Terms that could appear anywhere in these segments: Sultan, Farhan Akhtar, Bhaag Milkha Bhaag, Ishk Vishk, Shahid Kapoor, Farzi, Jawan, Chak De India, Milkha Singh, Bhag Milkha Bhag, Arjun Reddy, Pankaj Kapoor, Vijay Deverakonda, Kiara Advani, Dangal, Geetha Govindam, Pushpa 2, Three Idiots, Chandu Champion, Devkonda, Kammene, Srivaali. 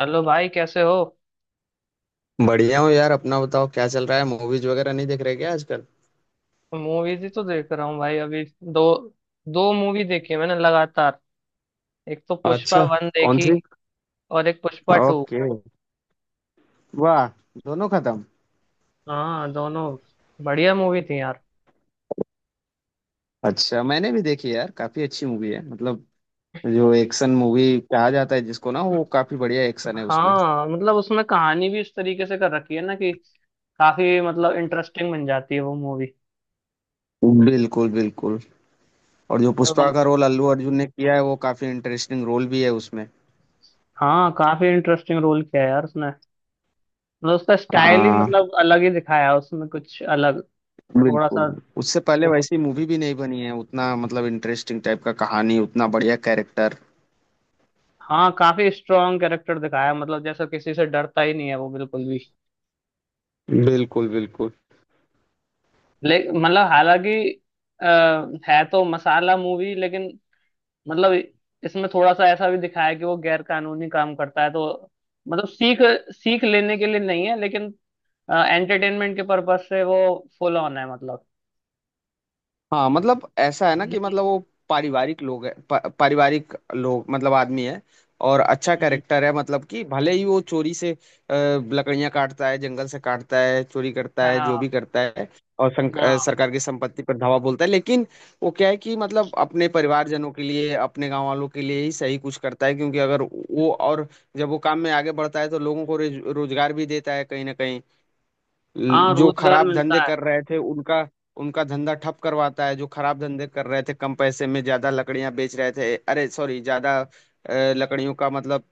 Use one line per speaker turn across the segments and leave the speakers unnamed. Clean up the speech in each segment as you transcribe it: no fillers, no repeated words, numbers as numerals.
Hello भाई, कैसे हो?
बढ़िया हूँ यार। अपना बताओ, क्या चल रहा है? मूवीज वगैरह नहीं देख रहे क्या आजकल?
मूवीज ही तो देख रहा हूँ भाई। अभी दो दो मूवी देखी है मैंने लगातार। एक तो पुष्पा
अच्छा,
वन
कौन
देखी,
सी?
और एक पुष्पा टू।
ओके। वाह, दोनों खत्म?
हाँ, दोनों। बढ़िया मूवी थी यार।
अच्छा, मैंने भी देखी यार, काफी अच्छी मूवी है मतलब। जो एक्शन मूवी कहा जाता है जिसको ना, वो काफी बढ़िया एक्शन है उसमें।
हाँ मतलब उसमें कहानी भी इस तरीके से कर रखी है ना कि काफी मतलब इंटरेस्टिंग बन जाती है वो मूवी।
बिल्कुल बिल्कुल। और जो
और
पुष्पा
मत-
का रोल अल्लू अर्जुन ने किया है, वो काफी इंटरेस्टिंग रोल भी है उसमें।
हाँ, काफी इंटरेस्टिंग रोल किया है यार उसने। मतलब उसका स्टाइल ही
हाँ,
मतलब अलग ही दिखाया है उसमें, कुछ अलग, थोड़ा
बिल्कुल।
सा।
उससे पहले वैसी मूवी भी नहीं बनी है उतना, मतलब इंटरेस्टिंग टाइप का कहानी, उतना बढ़िया कैरेक्टर।
हाँ, काफी स्ट्रांग कैरेक्टर दिखाया है, मतलब जैसा किसी से डरता ही नहीं है वो बिल्कुल भी।
बिल्कुल बिल्कुल।
ले मतलब हालांकि अ, है तो मसाला मूवी, लेकिन मतलब इसमें थोड़ा सा ऐसा भी दिखाया है कि वो गैर कानूनी काम करता है, तो मतलब सीख सीख लेने के लिए नहीं है, लेकिन एंटरटेनमेंट के पर्पज से वो फुल ऑन है मतलब।
हाँ मतलब ऐसा है ना कि,
हम्म।
मतलब वो पारिवारिक लोग है, पारिवारिक लोग मतलब आदमी है। और अच्छा
हम्म।
कैरेक्टर है, मतलब कि भले ही वो चोरी से लकड़ियां काटता है, जंगल से काटता है, चोरी करता है, जो भी
हाँ
करता है। और
हाँ।
सरकार की संपत्ति पर धावा बोलता है, लेकिन वो क्या है कि मतलब अपने परिवारजनों के लिए, अपने गांव वालों के लिए ही सही, कुछ करता है। क्योंकि अगर वो, और जब वो काम में आगे बढ़ता है तो लोगों को रोजगार भी देता है कहीं ना कहीं।
हाँ,
जो
रोजगार
खराब
मिलता
धंधे
है।
कर रहे थे उनका, उनका धंधा ठप करवाता है। जो खराब धंधे कर रहे थे, कम पैसे में ज्यादा लकड़ियां बेच रहे थे, अरे सॉरी ज्यादा लकड़ियों का मतलब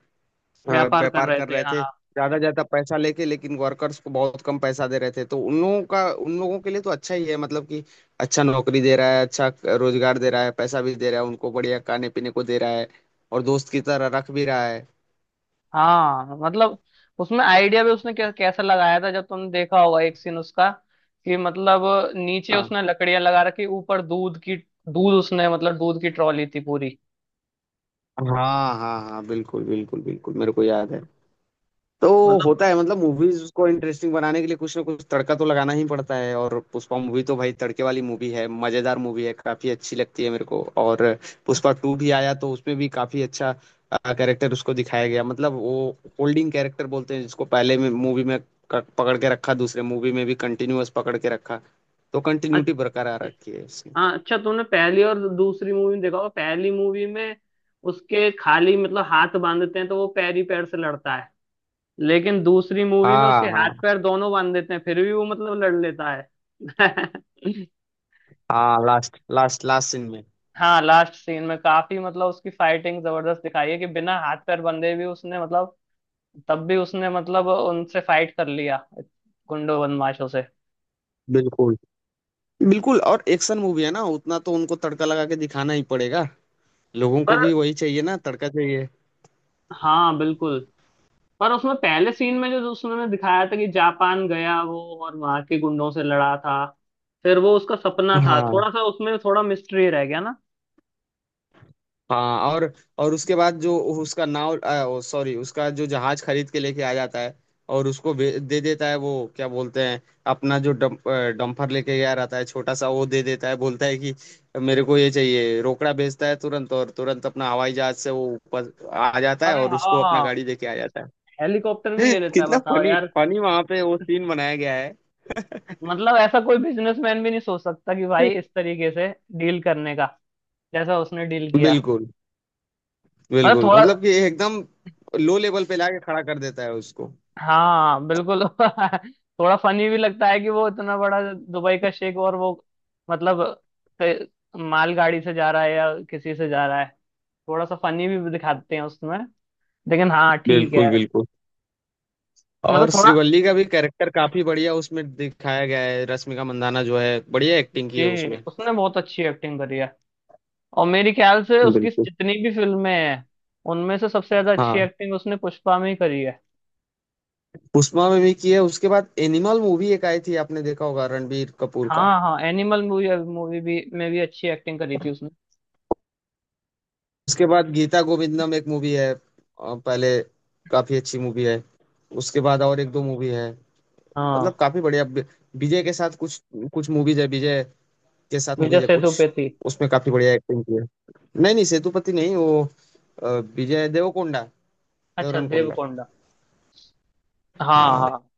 व्यापार कर
व्यापार
रहे
कर
थे,
रहे थे।
हाँ।
ज्यादा ज्यादा पैसा लेके लेकिन वर्कर्स को बहुत कम पैसा दे रहे थे, तो उन लोगों का, उन लोगों के लिए तो अच्छा ही है, मतलब कि अच्छा नौकरी दे रहा है, अच्छा रोजगार दे रहा है, पैसा भी दे रहा है उनको, बढ़िया खाने पीने को दे रहा है, और दोस्त की तरह रख भी रहा है।
हाँ, मतलब उसमें आइडिया भी उसने कैसा लगाया था, जब तुमने देखा होगा एक सीन उसका, कि मतलब नीचे
हाँ
उसने लकड़ियां लगा रखी, ऊपर दूध की। दूध उसने, मतलब दूध की ट्रॉली थी पूरी।
हाँ हाँ, हाँ बिल्कुल बिल्कुल बिल्कुल, मेरे को याद है। तो
मतलब।
होता है मतलब, मूवीज को इंटरेस्टिंग बनाने के लिए कुछ ना कुछ तड़का तो लगाना ही पड़ता है, और पुष्पा मूवी तो भाई तड़के वाली मूवी है, मजेदार मूवी है, काफी अच्छी लगती है मेरे को। और पुष्पा टू भी आया, तो उसमें भी काफी अच्छा कैरेक्टर उसको दिखाया गया। मतलब वो होल्डिंग कैरेक्टर बोलते हैं जिसको, पहले में मूवी में पकड़ के रखा, दूसरे मूवी में भी कंटिन्यूअस पकड़ के रखा। तो
अ-
कंटिन्यूटी बरकरार रखी है उसकी।
हाँ अच्छा, तुमने पहली और दूसरी मूवी में देखा होगा, पहली मूवी में उसके खाली, मतलब हाथ बांधते हैं तो वो पैर ही पैर से लड़ता है। लेकिन दूसरी मूवी में
हाँ
उसके हाथ
हाँ,
पैर दोनों बांध देते हैं, फिर भी वो मतलब लड़ लेता है
हाँ लास्ट लास्ट लास्ट सीन में।
हाँ लास्ट सीन में काफी मतलब उसकी फाइटिंग जबरदस्त दिखाई है कि बिना हाथ पैर बंधे भी उसने मतलब, तब भी उसने मतलब उनसे फाइट कर लिया, गुंडों बदमाशों से।
बिल्कुल बिल्कुल, और एक्शन मूवी है ना, उतना तो उनको तड़का लगा के दिखाना ही पड़ेगा। लोगों को
पर
भी वही चाहिए ना, तड़का चाहिए।
हाँ, बिल्कुल। पर उसमें पहले सीन में जो जो उसने दिखाया था कि जापान गया वो, और वहां के गुंडों से लड़ा था, फिर वो उसका सपना था,
हाँ
थोड़ा सा उसमें थोड़ा मिस्ट्री रह गया ना।
हाँ। और उसके बाद जो उसका नाव सॉरी उसका जो जहाज खरीद के लेके आ जाता है, और उसको दे देता है वो। क्या बोलते हैं? अपना जो डंपर लेके गया रहता है छोटा सा, वो दे देता है। बोलता है कि मेरे को ये चाहिए। रोकड़ा भेजता है तुरंत, और तुरंत अपना हवाई जहाज से वो ऊपर आ जाता है
अरे
और उसको अपना
हाँ,
गाड़ी देके आ जाता
हेलीकॉप्टर भी
है।
ले लेता है
कितना
बताओ
फनी
यार।
फनी वहां पे वो सीन बनाया गया है।
मतलब ऐसा कोई बिजनेसमैन भी नहीं सोच सकता कि भाई इस तरीके से डील करने का, जैसा उसने डील किया।
बिल्कुल
मतलब
बिल्कुल,
थोड़ा।
मतलब कि एकदम लो लेवल पे लाके खड़ा कर देता है उसको।
हाँ, बिल्कुल थोड़ा फनी भी लगता है कि वो इतना बड़ा दुबई का शेख और वो मतलब क- माल गाड़ी से जा रहा है या किसी से जा रहा है, थोड़ा सा फनी भी दिखाते हैं उसमें। लेकिन हाँ, ठीक है।
बिल्कुल बिल्कुल।
मतलब
और
थोड़ा।
श्रीवल्ली का भी कैरेक्टर काफी बढ़िया उसमें दिखाया गया है, रश्मिका मंदाना जो है, बढ़िया एक्टिंग की है
जी
उसमें।
उसने बहुत अच्छी एक्टिंग करी है, और मेरे ख्याल से उसकी
बिल्कुल।
जितनी भी फिल्में हैं, उनमें से सबसे ज्यादा अच्छी
हाँ,
एक्टिंग उसने पुष्पा में ही करी है।
पुष्पा में भी की है। उसके बाद एनिमल मूवी एक आई थी, आपने देखा होगा, रणबीर कपूर का।
हाँ हाँ, एनिमल मूवी मूवी भी में भी अच्छी एक्टिंग करी थी उसने।
उसके बाद गीता गोविंदम एक मूवी है, पहले, काफी अच्छी मूवी है। उसके बाद और एक दो मूवी है, मतलब
हाँ,
काफी बढ़िया, विजय के साथ कुछ कुछ मूवीज है, विजय के साथ
विजय
मूवीज है कुछ,
सेतुपति।
उसमें काफी बढ़िया एक्टिंग की है। नहीं नहीं, सेतुपति नहीं वो, अ, विजय देवरकोंडा।
अच्छा
देवरकोंडा,
देवकोंडा। हाँ
हाँ।
हाँ।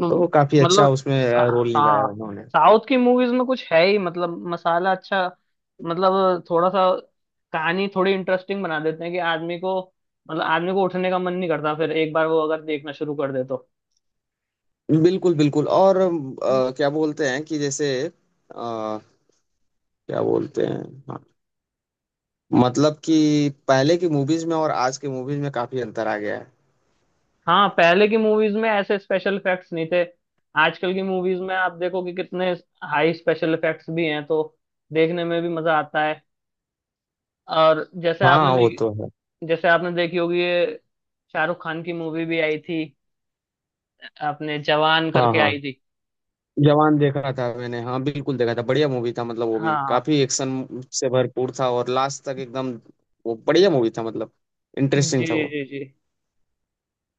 म-
तो काफी अच्छा
मतलब।
उसमें रोल निभाया
हाँ,
उन्होंने।
साउथ की मूवीज में कुछ है ही मतलब मसाला, अच्छा मतलब थोड़ा सा कहानी थोड़ी इंटरेस्टिंग बना देते हैं कि आदमी को, मतलब आदमी को उठने का मन नहीं करता फिर एक बार वो अगर देखना शुरू कर दे तो।
बिल्कुल बिल्कुल, और क्या बोलते हैं कि जैसे क्या बोलते हैं, हाँ, मतलब कि पहले की मूवीज में और आज के मूवीज में काफी अंतर आ गया है।
हाँ, पहले की मूवीज में ऐसे स्पेशल इफेक्ट्स नहीं थे, आजकल की मूवीज में आप देखो कि कितने हाई स्पेशल इफेक्ट्स भी हैं तो देखने में भी मजा आता है। और जैसे आपने
हाँ वो तो
देखी
है।
जैसे आपने देखी होगी, ये शाहरुख खान की मूवी भी आई थी, आपने जवान
हाँ
करके आई
हाँ,
थी।
जवान देखा था मैंने, हाँ बिल्कुल देखा था, बढ़िया मूवी था मतलब। वो भी
हाँ।
काफी एक्शन से भरपूर था और लास्ट तक एकदम, वो बढ़िया मूवी था मतलब, इंटरेस्टिंग
जी
था वो।
जी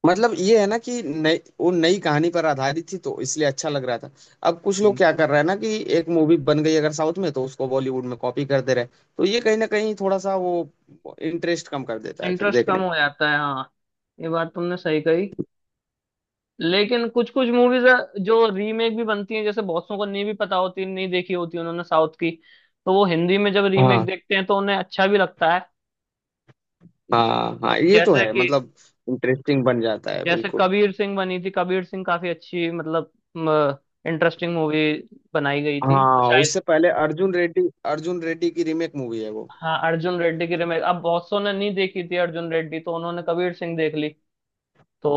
मतलब ये है ना कि नई, वो नई कहानी पर आधारित थी, तो इसलिए अच्छा लग रहा था। अब कुछ लोग
जी।
क्या कर रहे हैं ना, कि एक मूवी बन गई अगर साउथ में तो उसको बॉलीवुड में कॉपी कर दे रहे हैं। तो ये कहीं ना कहीं थोड़ा सा वो इंटरेस्ट कम कर देता है फिर
इंटरेस्ट
देखने
कम
में।
हो जाता है, हाँ, ये बात तुमने सही कही। लेकिन कुछ कुछ मूवीज जो रीमेक भी बनती हैं, जैसे बहुत लोगों को नहीं भी पता होती, नहीं देखी होती उन्होंने साउथ की, तो वो हिंदी में जब रीमेक
हाँ
देखते हैं तो उन्हें अच्छा भी लगता है।
हाँ हाँ, ये तो
जैसे
है
कि,
मतलब, इंटरेस्टिंग बन जाता है
जैसे
बिल्कुल।
कबीर सिंह बनी थी। कबीर सिंह काफी अच्छी मतलब इंटरेस्टिंग मूवी बनाई गई थी, और
हाँ
शायद।
उससे पहले अर्जुन रेड्डी, अर्जुन रेड्डी की रीमेक मूवी है वो।
हाँ, अर्जुन रेड्डी की रिमेक, अब बहुत सौ ने नहीं देखी थी अर्जुन रेड्डी, तो उन्होंने कबीर सिंह देख ली। तो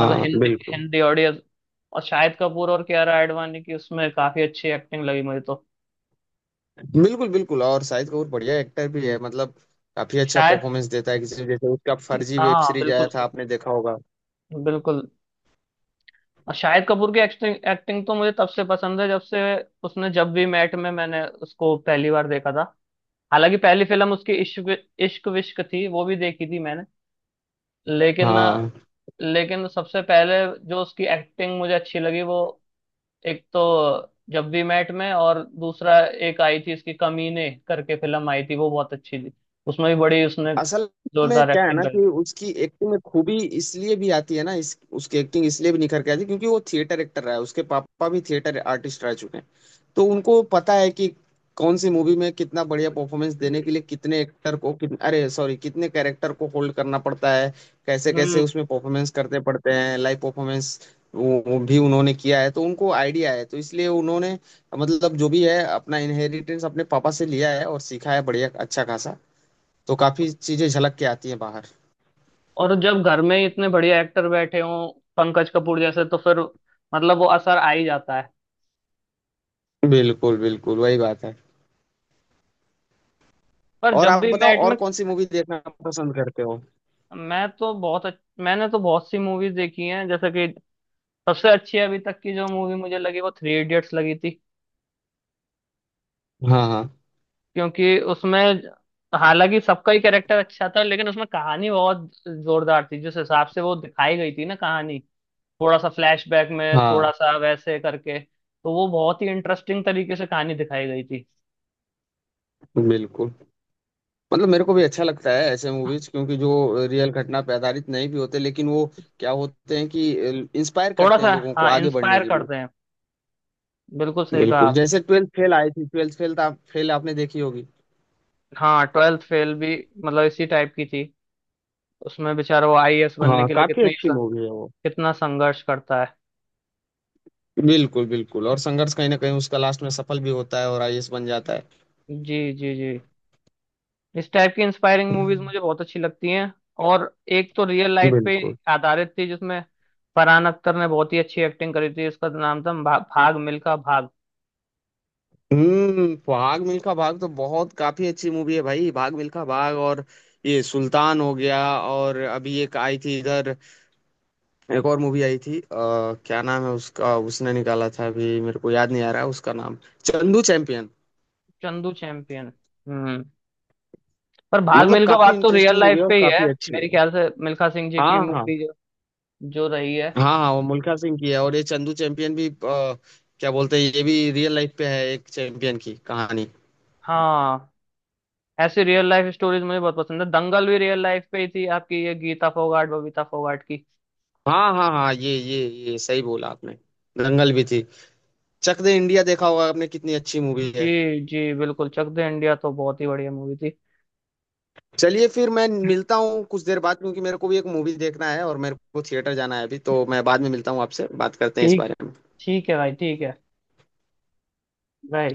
मतलब हिंदी
बिल्कुल
हिंदी ऑडियंस। और शाहिद कपूर और कियारा आडवाणी की उसमें काफी अच्छी एक्टिंग लगी मुझे तो।
बिल्कुल बिल्कुल। और शाहिद कपूर बढ़िया एक्टर भी है मतलब, काफी अच्छा
शायद।
परफॉर्मेंस देता है, किसी जैसे उसका फर्जी वेब
हाँ,
सीरीज आया
बिल्कुल
था, आपने देखा होगा।
बिल्कुल। और शाहिद कपूर की एक्टिंग एक्टिंग तो मुझे तब से पसंद है जब से उसने, जब भी मैट में मैंने उसको पहली बार देखा था। हालांकि पहली फिल्म उसकी इश्क इश्क विश्क थी, वो भी देखी थी मैंने। लेकिन,
हाँ
सबसे पहले जो उसकी एक्टिंग मुझे अच्छी लगी वो, एक तो जब वी मेट में, और दूसरा एक आई थी इसकी कमीने करके फिल्म आई थी, वो बहुत अच्छी थी। उसमें भी बड़ी उसने
असल में
जोरदार
क्या है
एक्टिंग
ना
करी।
कि उसकी एक्टिंग में खूबी इसलिए भी आती है ना, इस उसकी एक्टिंग इसलिए भी निखर के आती है, क्योंकि वो थिएटर एक्टर रहा है, उसके पापा भी थिएटर आर्टिस्ट रह चुके हैं। तो उनको पता है कि कौन सी मूवी में कितना बढ़िया परफॉर्मेंस देने के लिए कितने एक्टर को, कितने अरे सॉरी कितने कैरेक्टर को होल्ड करना पड़ता है, कैसे कैसे
हम्म।
उसमें परफॉर्मेंस करते पड़ते हैं, लाइव परफॉर्मेंस वो भी उन्होंने किया है। तो उनको आइडिया है, तो इसलिए उन्होंने मतलब जो भी है अपना इनहेरिटेंस अपने पापा से लिया है और सीखा है बढ़िया अच्छा खासा। तो काफी चीजें झलक के आती हैं बाहर।
और जब घर में ही इतने बढ़िया एक्टर बैठे हों, पंकज कपूर जैसे, तो फिर मतलब वो असर आ ही जाता है।
बिल्कुल बिल्कुल वही बात है।
पर
और
जब
आप
भी
बताओ,
मैट
और
में।
कौन सी मूवी देखना पसंद करते हो?
मैंने तो बहुत सी मूवीज देखी हैं, जैसे कि सबसे अच्छी अभी तक की जो मूवी मुझे लगी वो थ्री इडियट्स लगी थी।
हाँ हाँ
क्योंकि उसमें, हालांकि सबका ही कैरेक्टर अच्छा था, लेकिन उसमें कहानी बहुत जोरदार थी, जिस हिसाब से वो दिखाई गई थी ना कहानी, थोड़ा सा फ्लैशबैक में,
हाँ,
थोड़ा सा वैसे करके, तो वो बहुत ही इंटरेस्टिंग तरीके से कहानी दिखाई गई थी।
बिल्कुल, मतलब मेरे को भी अच्छा लगता है ऐसे मूवीज, क्योंकि जो रियल घटना पे आधारित नहीं भी होते लेकिन वो क्या होते हैं कि इंस्पायर
थोड़ा
करते हैं
सा,
लोगों को
हाँ
आगे बढ़ने
इंस्पायर
के लिए।
करते हैं, बिल्कुल सही कहा
बिल्कुल,
आप।
जैसे ट्वेल्थ फेल आई थी, ट्वेल्थ फेल आप फेल आपने देखी होगी।
हाँ, 12th फेल भी मतलब इसी टाइप की थी, उसमें बेचारा वो आईएएस बनने
हाँ
के लिए
काफी
कितनी
अच्छी मूवी है वो।
कितना संघर्ष करता है।
बिल्कुल बिल्कुल, और संघर्ष कहीं ना कहीं उसका लास्ट में सफल भी होता है और आईएएस बन जाता है।
जी जी जी, इस टाइप की इंस्पायरिंग मूवीज मुझे बहुत अच्छी लगती हैं। और एक तो रियल लाइफ पे
बिल्कुल।
आधारित थी, जिसमें फरहान अख्तर ने बहुत ही अच्छी एक्टिंग करी थी, इसका नाम था भाग मिल्खा भाग।
हम्म, भाग मिल्खा भाग तो बहुत काफी अच्छी मूवी है भाई, भाग मिल्खा भाग। और ये सुल्तान हो गया, और अभी एक आई थी इधर, एक और मूवी आई थी, क्या नाम है उसका, उसने निकाला था, अभी मेरे को याद नहीं आ रहा है उसका नाम, चंदू चैंपियन।
चंदू चैंपियन। हम्म। पर भाग
मतलब
मिल्खा
काफी
भाग तो रियल
इंटरेस्टिंग मूवी
लाइफ
है और
पे ही है,
काफी अच्छी
मेरे
है।
ख्याल से मिल्खा सिंह जी की
हाँ हाँ
मूवी जो रही है।
हाँ, हाँ वो मुल्खा सिंह की है। और ये चंदू चैंपियन भी क्या बोलते हैं, ये भी रियल लाइफ पे है, एक चैंपियन की कहानी।
हाँ, ऐसी रियल लाइफ स्टोरीज मुझे बहुत पसंद है, दंगल भी रियल लाइफ पे ही थी आपकी, ये गीता फोगाट बबीता फोगाट की।
हाँ हाँ हाँ, ये सही बोला आपने, दंगल भी थी। चक दे इंडिया देखा होगा आपने, कितनी अच्छी मूवी है।
जी जी, बिल्कुल चक दे इंडिया तो बहुत ही बढ़िया मूवी थी।
चलिए फिर, मैं मिलता हूँ कुछ देर बाद, क्योंकि मेरे को भी एक मूवी देखना है और मेरे को थिएटर जाना है अभी। तो मैं बाद में मिलता हूँ, आपसे बात करते हैं इस
ठीक,
बारे में।
ठीक है भाई, ठीक है। बाय।